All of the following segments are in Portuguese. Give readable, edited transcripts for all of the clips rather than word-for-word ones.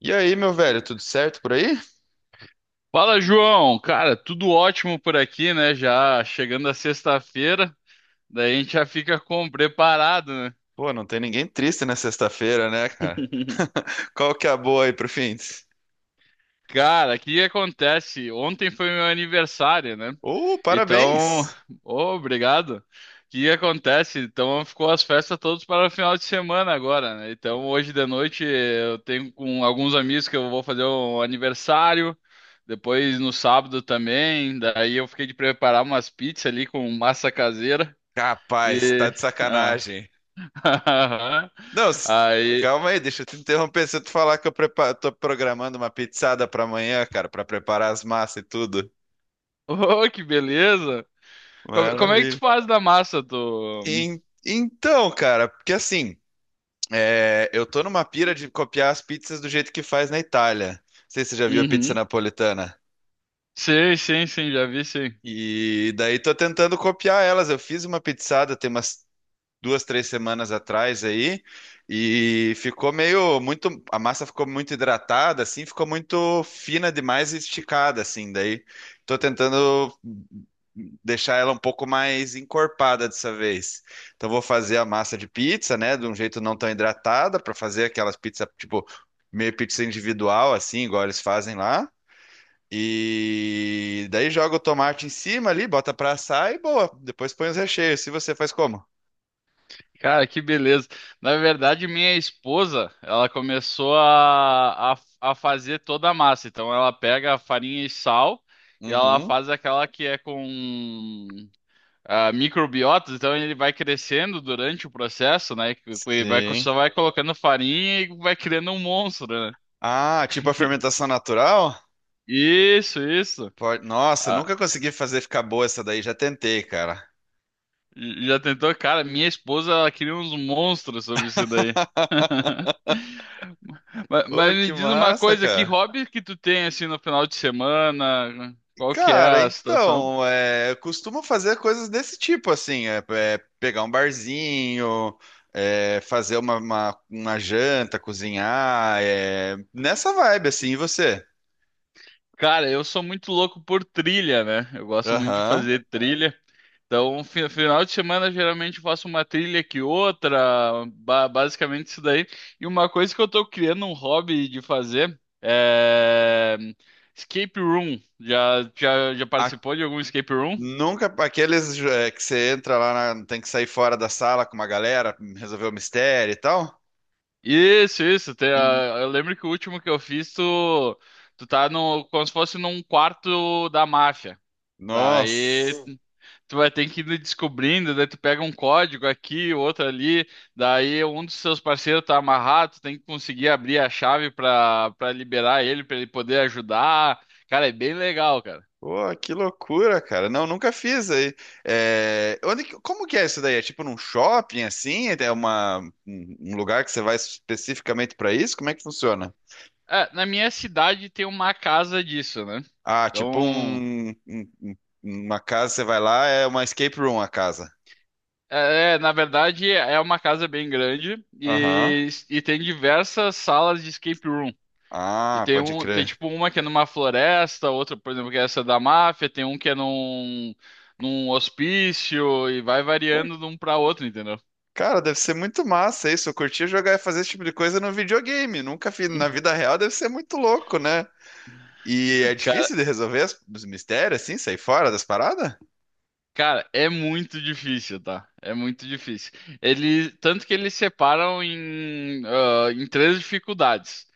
E aí, meu velho, tudo certo por aí? Fala, João. Cara, tudo ótimo por aqui, né? Já chegando a sexta-feira, daí a gente já fica com preparado, né? Pô, não tem ninguém triste na sexta-feira, né, cara? Qual que é a boa aí pro fim? Cara, o que acontece? Ontem foi meu aniversário, né? Então, Parabéns! ô, obrigado. O que acontece? Então, ficou as festas todas para o final de semana agora, né? Então, hoje de noite eu tenho com alguns amigos que eu vou fazer um aniversário. Depois no sábado também. Daí eu fiquei de preparar umas pizzas ali com massa caseira. Capaz, E. tá de Ah. sacanagem. Não, Aí. calma aí, deixa eu te interromper. Se eu te falar que eu tô programando uma pizzada pra amanhã, cara, pra preparar as massas e tudo. Oh, que beleza! Como é que tu Maravilha. faz da massa do. Então, cara, porque assim, eu tô numa pira de copiar as pizzas do jeito que faz na Itália. Não sei se você já viu a pizza Uhum. napolitana. Sim, sim, sim, já vi, sim. E daí tô tentando copiar elas. Eu fiz uma pizzada tem umas 2, 3 semanas atrás aí e ficou meio muito, a massa ficou muito hidratada assim, ficou muito fina demais e esticada assim. Daí tô tentando deixar ela um pouco mais encorpada dessa vez. Então vou fazer a massa de pizza, né, de um jeito não tão hidratada para fazer aquelas pizzas tipo meio pizza individual assim, igual eles fazem lá. E daí joga o tomate em cima ali, bota pra assar e boa. Depois põe os recheios. Se você faz como? Cara, que beleza. Na verdade, minha esposa, ela começou a fazer toda a massa. Então, ela pega a farinha e sal e ela Uhum. faz aquela que é com microbiotas. Então, ele vai crescendo durante o processo, né? E vai, Sim. só vai colocando farinha e vai criando um monstro, né? Ah, tipo a fermentação natural? Isso, isso. Nossa, eu Ah, nunca consegui fazer ficar boa essa daí, já tentei, cara. Já tentou? Cara, minha esposa, ela queria uns monstros sobre isso daí. Mas, Ô, mas me que diz uma massa, coisa, que cara. hobby que tu tem, assim, no final de semana? Qual que é Cara, a situação? então, eu costumo fazer coisas desse tipo, assim, pegar um barzinho, fazer uma janta, cozinhar, nessa vibe, assim, e você? Cara, eu sou muito louco por trilha, né? Eu gosto muito de Aham. fazer trilha. Então, um final de semana, geralmente eu faço uma trilha que outra, basicamente isso daí. E uma coisa que eu tô criando um hobby de fazer é escape room. Já participou de algum escape room? Nunca, aqueles é, que você entra lá, tem que sair fora da sala com uma galera, resolver o mistério e tal. Isso, isso. Eu lembro que o último que eu fiz, tu tá no, como se fosse num quarto da máfia. Daí Nossa, tu vai ter que ir descobrindo, daí tu pega um código aqui, outro ali, daí um dos seus parceiros tá amarrado, tu tem que conseguir abrir a chave pra liberar ele, pra ele poder ajudar. Cara, é bem legal, cara. pô, que loucura, cara. Não, nunca fiz aí. É, onde, como que é isso daí? É tipo num shopping assim? É uma, um lugar que você vai especificamente pra isso? Como é que funciona? É, na minha cidade tem uma casa disso, né? Ah, tipo Então, um- uma casa, você vai lá, é uma escape room a casa. é, na verdade, é uma casa bem grande Aham. e tem diversas salas de escape room. E Ah, pode tem crer. tipo uma que é numa floresta, outra, por exemplo, que é essa da máfia, tem um que é num hospício e vai variando de um pra outro, entendeu? Cara, deve ser muito massa isso. Eu curtia jogar e fazer esse tipo de coisa no videogame. Nunca fiz na vida real, deve ser muito louco, né? E é Cara, difícil de resolver os mistérios, assim, sair fora das paradas? Cara, é muito difícil, tá? É muito difícil. Tanto que eles separam em três dificuldades.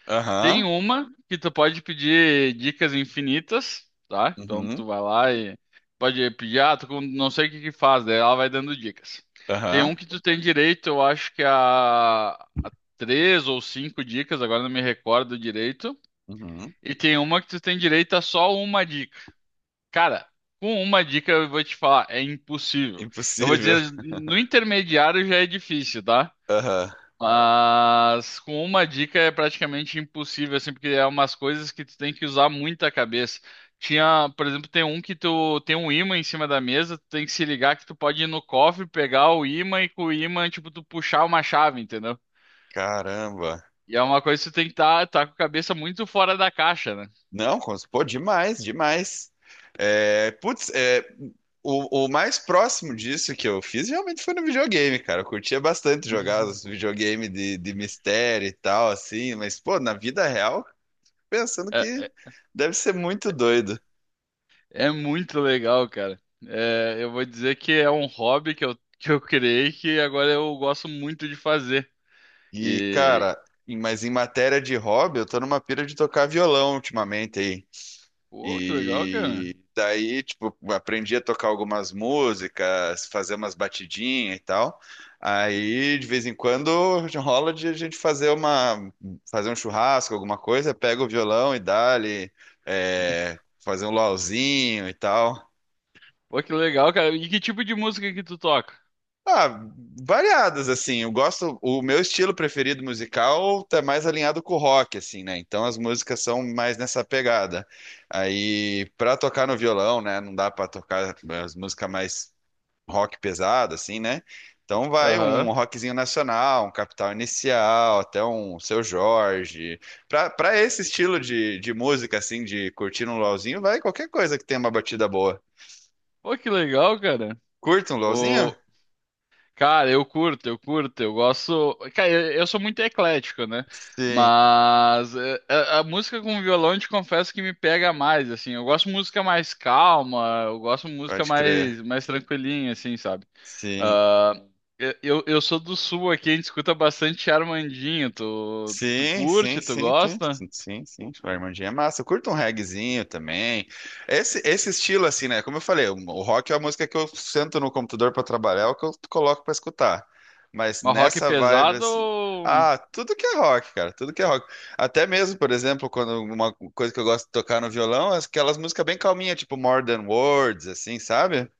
Tem Aham, uma que tu pode pedir dicas infinitas, tá? Então uhum, tu vai lá e pode pedir, não sei o que que faz, daí ela vai dando dicas. Tem aham, um que tu tem direito, eu acho que é a três ou cinco dicas, agora não me recordo direito. uhum. E tem uma que tu tem direito a só uma dica. Cara, com uma dica eu vou te falar, é impossível. Eu vou Impossível. dizer, no intermediário já é difícil, tá? Aham. Mas com uma dica é praticamente impossível, assim, porque é umas coisas que tu tem que usar muita cabeça. Tinha, por exemplo, tem um que tu tem um ímã em cima da mesa, tu tem que se ligar que tu pode ir no cofre, pegar o ímã e com o ímã, tipo, tu puxar uma chave, entendeu? Caramba. E é uma coisa que tu tem que tá com a cabeça muito fora da caixa, né? Não, pô, demais, demais. É, putz, é, o mais próximo disso que eu fiz realmente foi no videogame, cara. Eu curtia bastante jogar os videogames de mistério e tal, assim, mas, pô, na vida real. Pensando que deve ser muito doido. É muito legal, cara. É, eu vou dizer que é um hobby que eu criei que agora eu gosto muito de fazer. E, E. cara, mas em matéria de hobby, eu tô numa pira de tocar violão ultimamente aí. Pô, que legal, cara. E daí, tipo, aprendi a tocar algumas músicas, fazer umas batidinhas e tal. Aí, de vez em quando, rola de a gente fazer uma, fazer um churrasco, alguma coisa, pega o violão e dá-lhe, é, fazer um luauzinho e tal. Pô, que legal, cara. E que tipo de música que tu toca? Ah, variadas, assim. Eu gosto. O meu estilo preferido musical tá mais alinhado com o rock, assim, né? Então as músicas são mais nessa pegada. Aí, pra tocar no violão, né? Não dá pra tocar as músicas mais rock pesado, assim, né? Então vai um Aham. rockzinho nacional, um Capital Inicial, até um Seu Jorge. Pra esse estilo de música, assim, de curtir um LOLzinho, vai qualquer coisa que tenha uma batida boa. Pô, que legal, cara. Curta um Ô, LOLzinho? cara, eu curto, eu gosto. Cara, eu sou muito eclético, né? Sim, Mas é, a música com violão, eu te confesso que me pega mais, assim. Eu gosto de música mais calma, eu gosto de música pode crer. mais tranquilinha, assim, sabe? Sim. Ah, eu sou do sul aqui, a gente escuta bastante Armandinho. Tu Sim, sim, curte, tu sim, tem. gosta? Sim, sim, sim. O Armandinho é massa. Eu curto um reggaezinho também. Esse estilo, assim, né? Como eu falei, o rock é a música que eu sento no computador para trabalhar, é o que eu coloco para escutar. Mas Mas rock nessa vibe, pesado? assim. Ah, tudo que é rock, cara, tudo que é rock. Até mesmo, por exemplo, quando uma coisa que eu gosto de tocar no violão é aquelas músicas bem calminhas, tipo More Than Words, assim, sabe?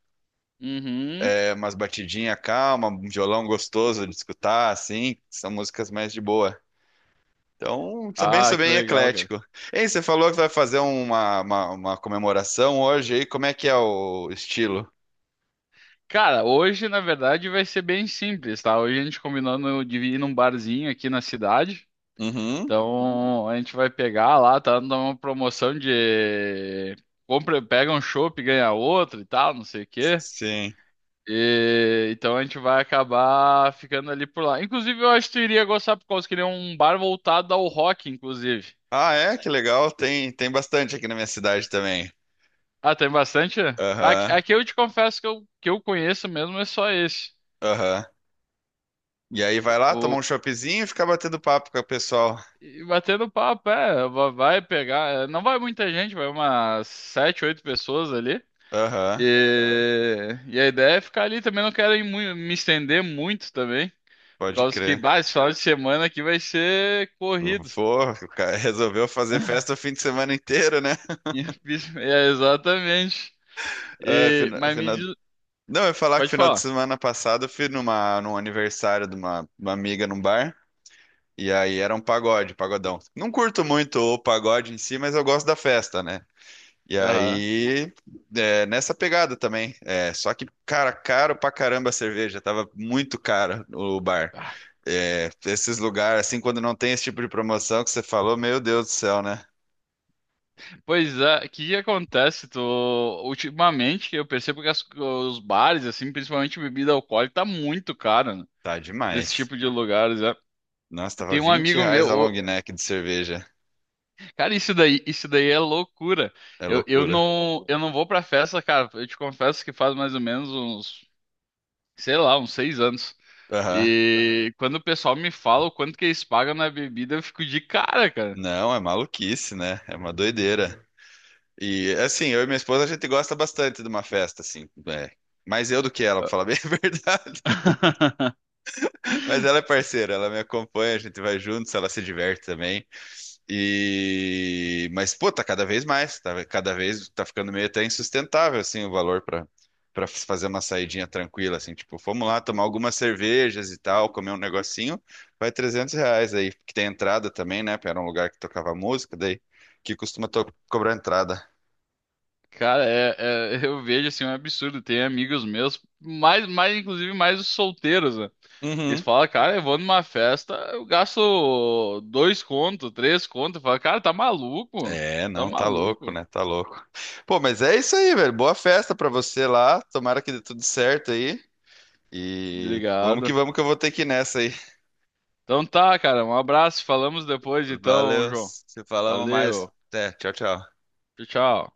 Uhum. É umas batidinhas calma, um violão gostoso de escutar, assim, são músicas mais de boa. Então, Ah, sou que bem legal, cara. eclético. Ei, você falou que vai fazer uma comemoração hoje aí. Como é que é o estilo? Cara, hoje na verdade vai ser bem simples, tá? Hoje a gente combinando de ir num barzinho aqui na cidade. Uhum. Então a gente vai pegar lá, tá dando uma promoção de compra, pega um chopp e ganha outro e tal, não sei o quê. Sim. E, então a gente vai acabar ficando ali por lá. Inclusive, eu acho que tu iria gostar por causa que ele é um bar voltado ao rock, inclusive. Ah, é? Que legal. Tem, tem bastante aqui na minha cidade também. Ah, tem bastante? Aqui, Aham, aqui eu te confesso que eu conheço mesmo é só esse. aham. E aí vai lá tomar um choppzinho e ficar batendo papo com o pessoal. E batendo papo, é, vai pegar, é, não vai muita gente, vai umas sete, oito pessoas ali. Aham, E a ideia é ficar ali também, não quero ir me estender muito também, por pode causa que, crer. bah, esse final de semana aqui vai ser corrido. Pô, o cara resolveu fazer festa o fim de semana inteiro, né? É, exatamente. É, E, fina- mas me fina- diz, Não, eu ia falar que pode final de falar. semana passado eu fui numa, num aniversário de uma amiga num bar. E aí era um pagode, pagodão. Não curto muito o pagode em si, mas eu gosto da festa, né? E Aham. aí, é, nessa pegada também. É, só que, cara, caro pra caramba a cerveja. Tava muito cara o bar. Ah. É, esses lugares, assim, quando não tem esse tipo de promoção que você falou, meu Deus do céu, né? Pois é, o que que acontece? Ultimamente eu percebo que os bares, assim, principalmente bebida alcoólica, tá muito caro, Tá desse demais. tipo de lugares, é. Nossa, tava Tem um 20 amigo meu, reais a long neck de cerveja. cara, isso daí é loucura. É Eu, eu loucura. não, eu não vou pra festa, cara. Eu te confesso que faz mais ou menos uns, sei lá, uns 6 anos. Aham. E quando o pessoal me fala o quanto que eles pagam na bebida, eu fico de cara, cara. Não, é maluquice, né? É uma doideira. E assim, eu e minha esposa a gente gosta bastante de uma festa, assim, é. Mais eu do que ela, pra falar bem a verdade. Mas ela é parceira, ela me acompanha, a gente vai juntos, ela se diverte também. E mas pô, tá cada vez mais, tá cada vez tá ficando meio até insustentável assim o valor pra para fazer uma saidinha tranquila assim, tipo, fomos lá tomar algumas cervejas e tal, comer um negocinho, vai R$ 300 aí, que tem entrada também, né? Era um lugar que tocava música, daí que costuma cobrar entrada. Cara, eu vejo assim um absurdo. Tem amigos meus, mais inclusive mais os solteiros, né? Eles Uhum. falam, cara, eu vou numa festa, eu gasto dois conto, três conto. Fala, cara, tá maluco? É, Tá não, tá louco, maluco? né? Tá louco. Pô, mas é isso aí, velho. Boa festa pra você lá. Tomara que dê tudo certo aí. E Obrigado. Vamos que eu vou ter que ir nessa aí. Então tá, cara, um abraço. Falamos depois, então, Valeu, João. se falamos mais. Valeu. Até, tchau, tchau. Tchau, tchau.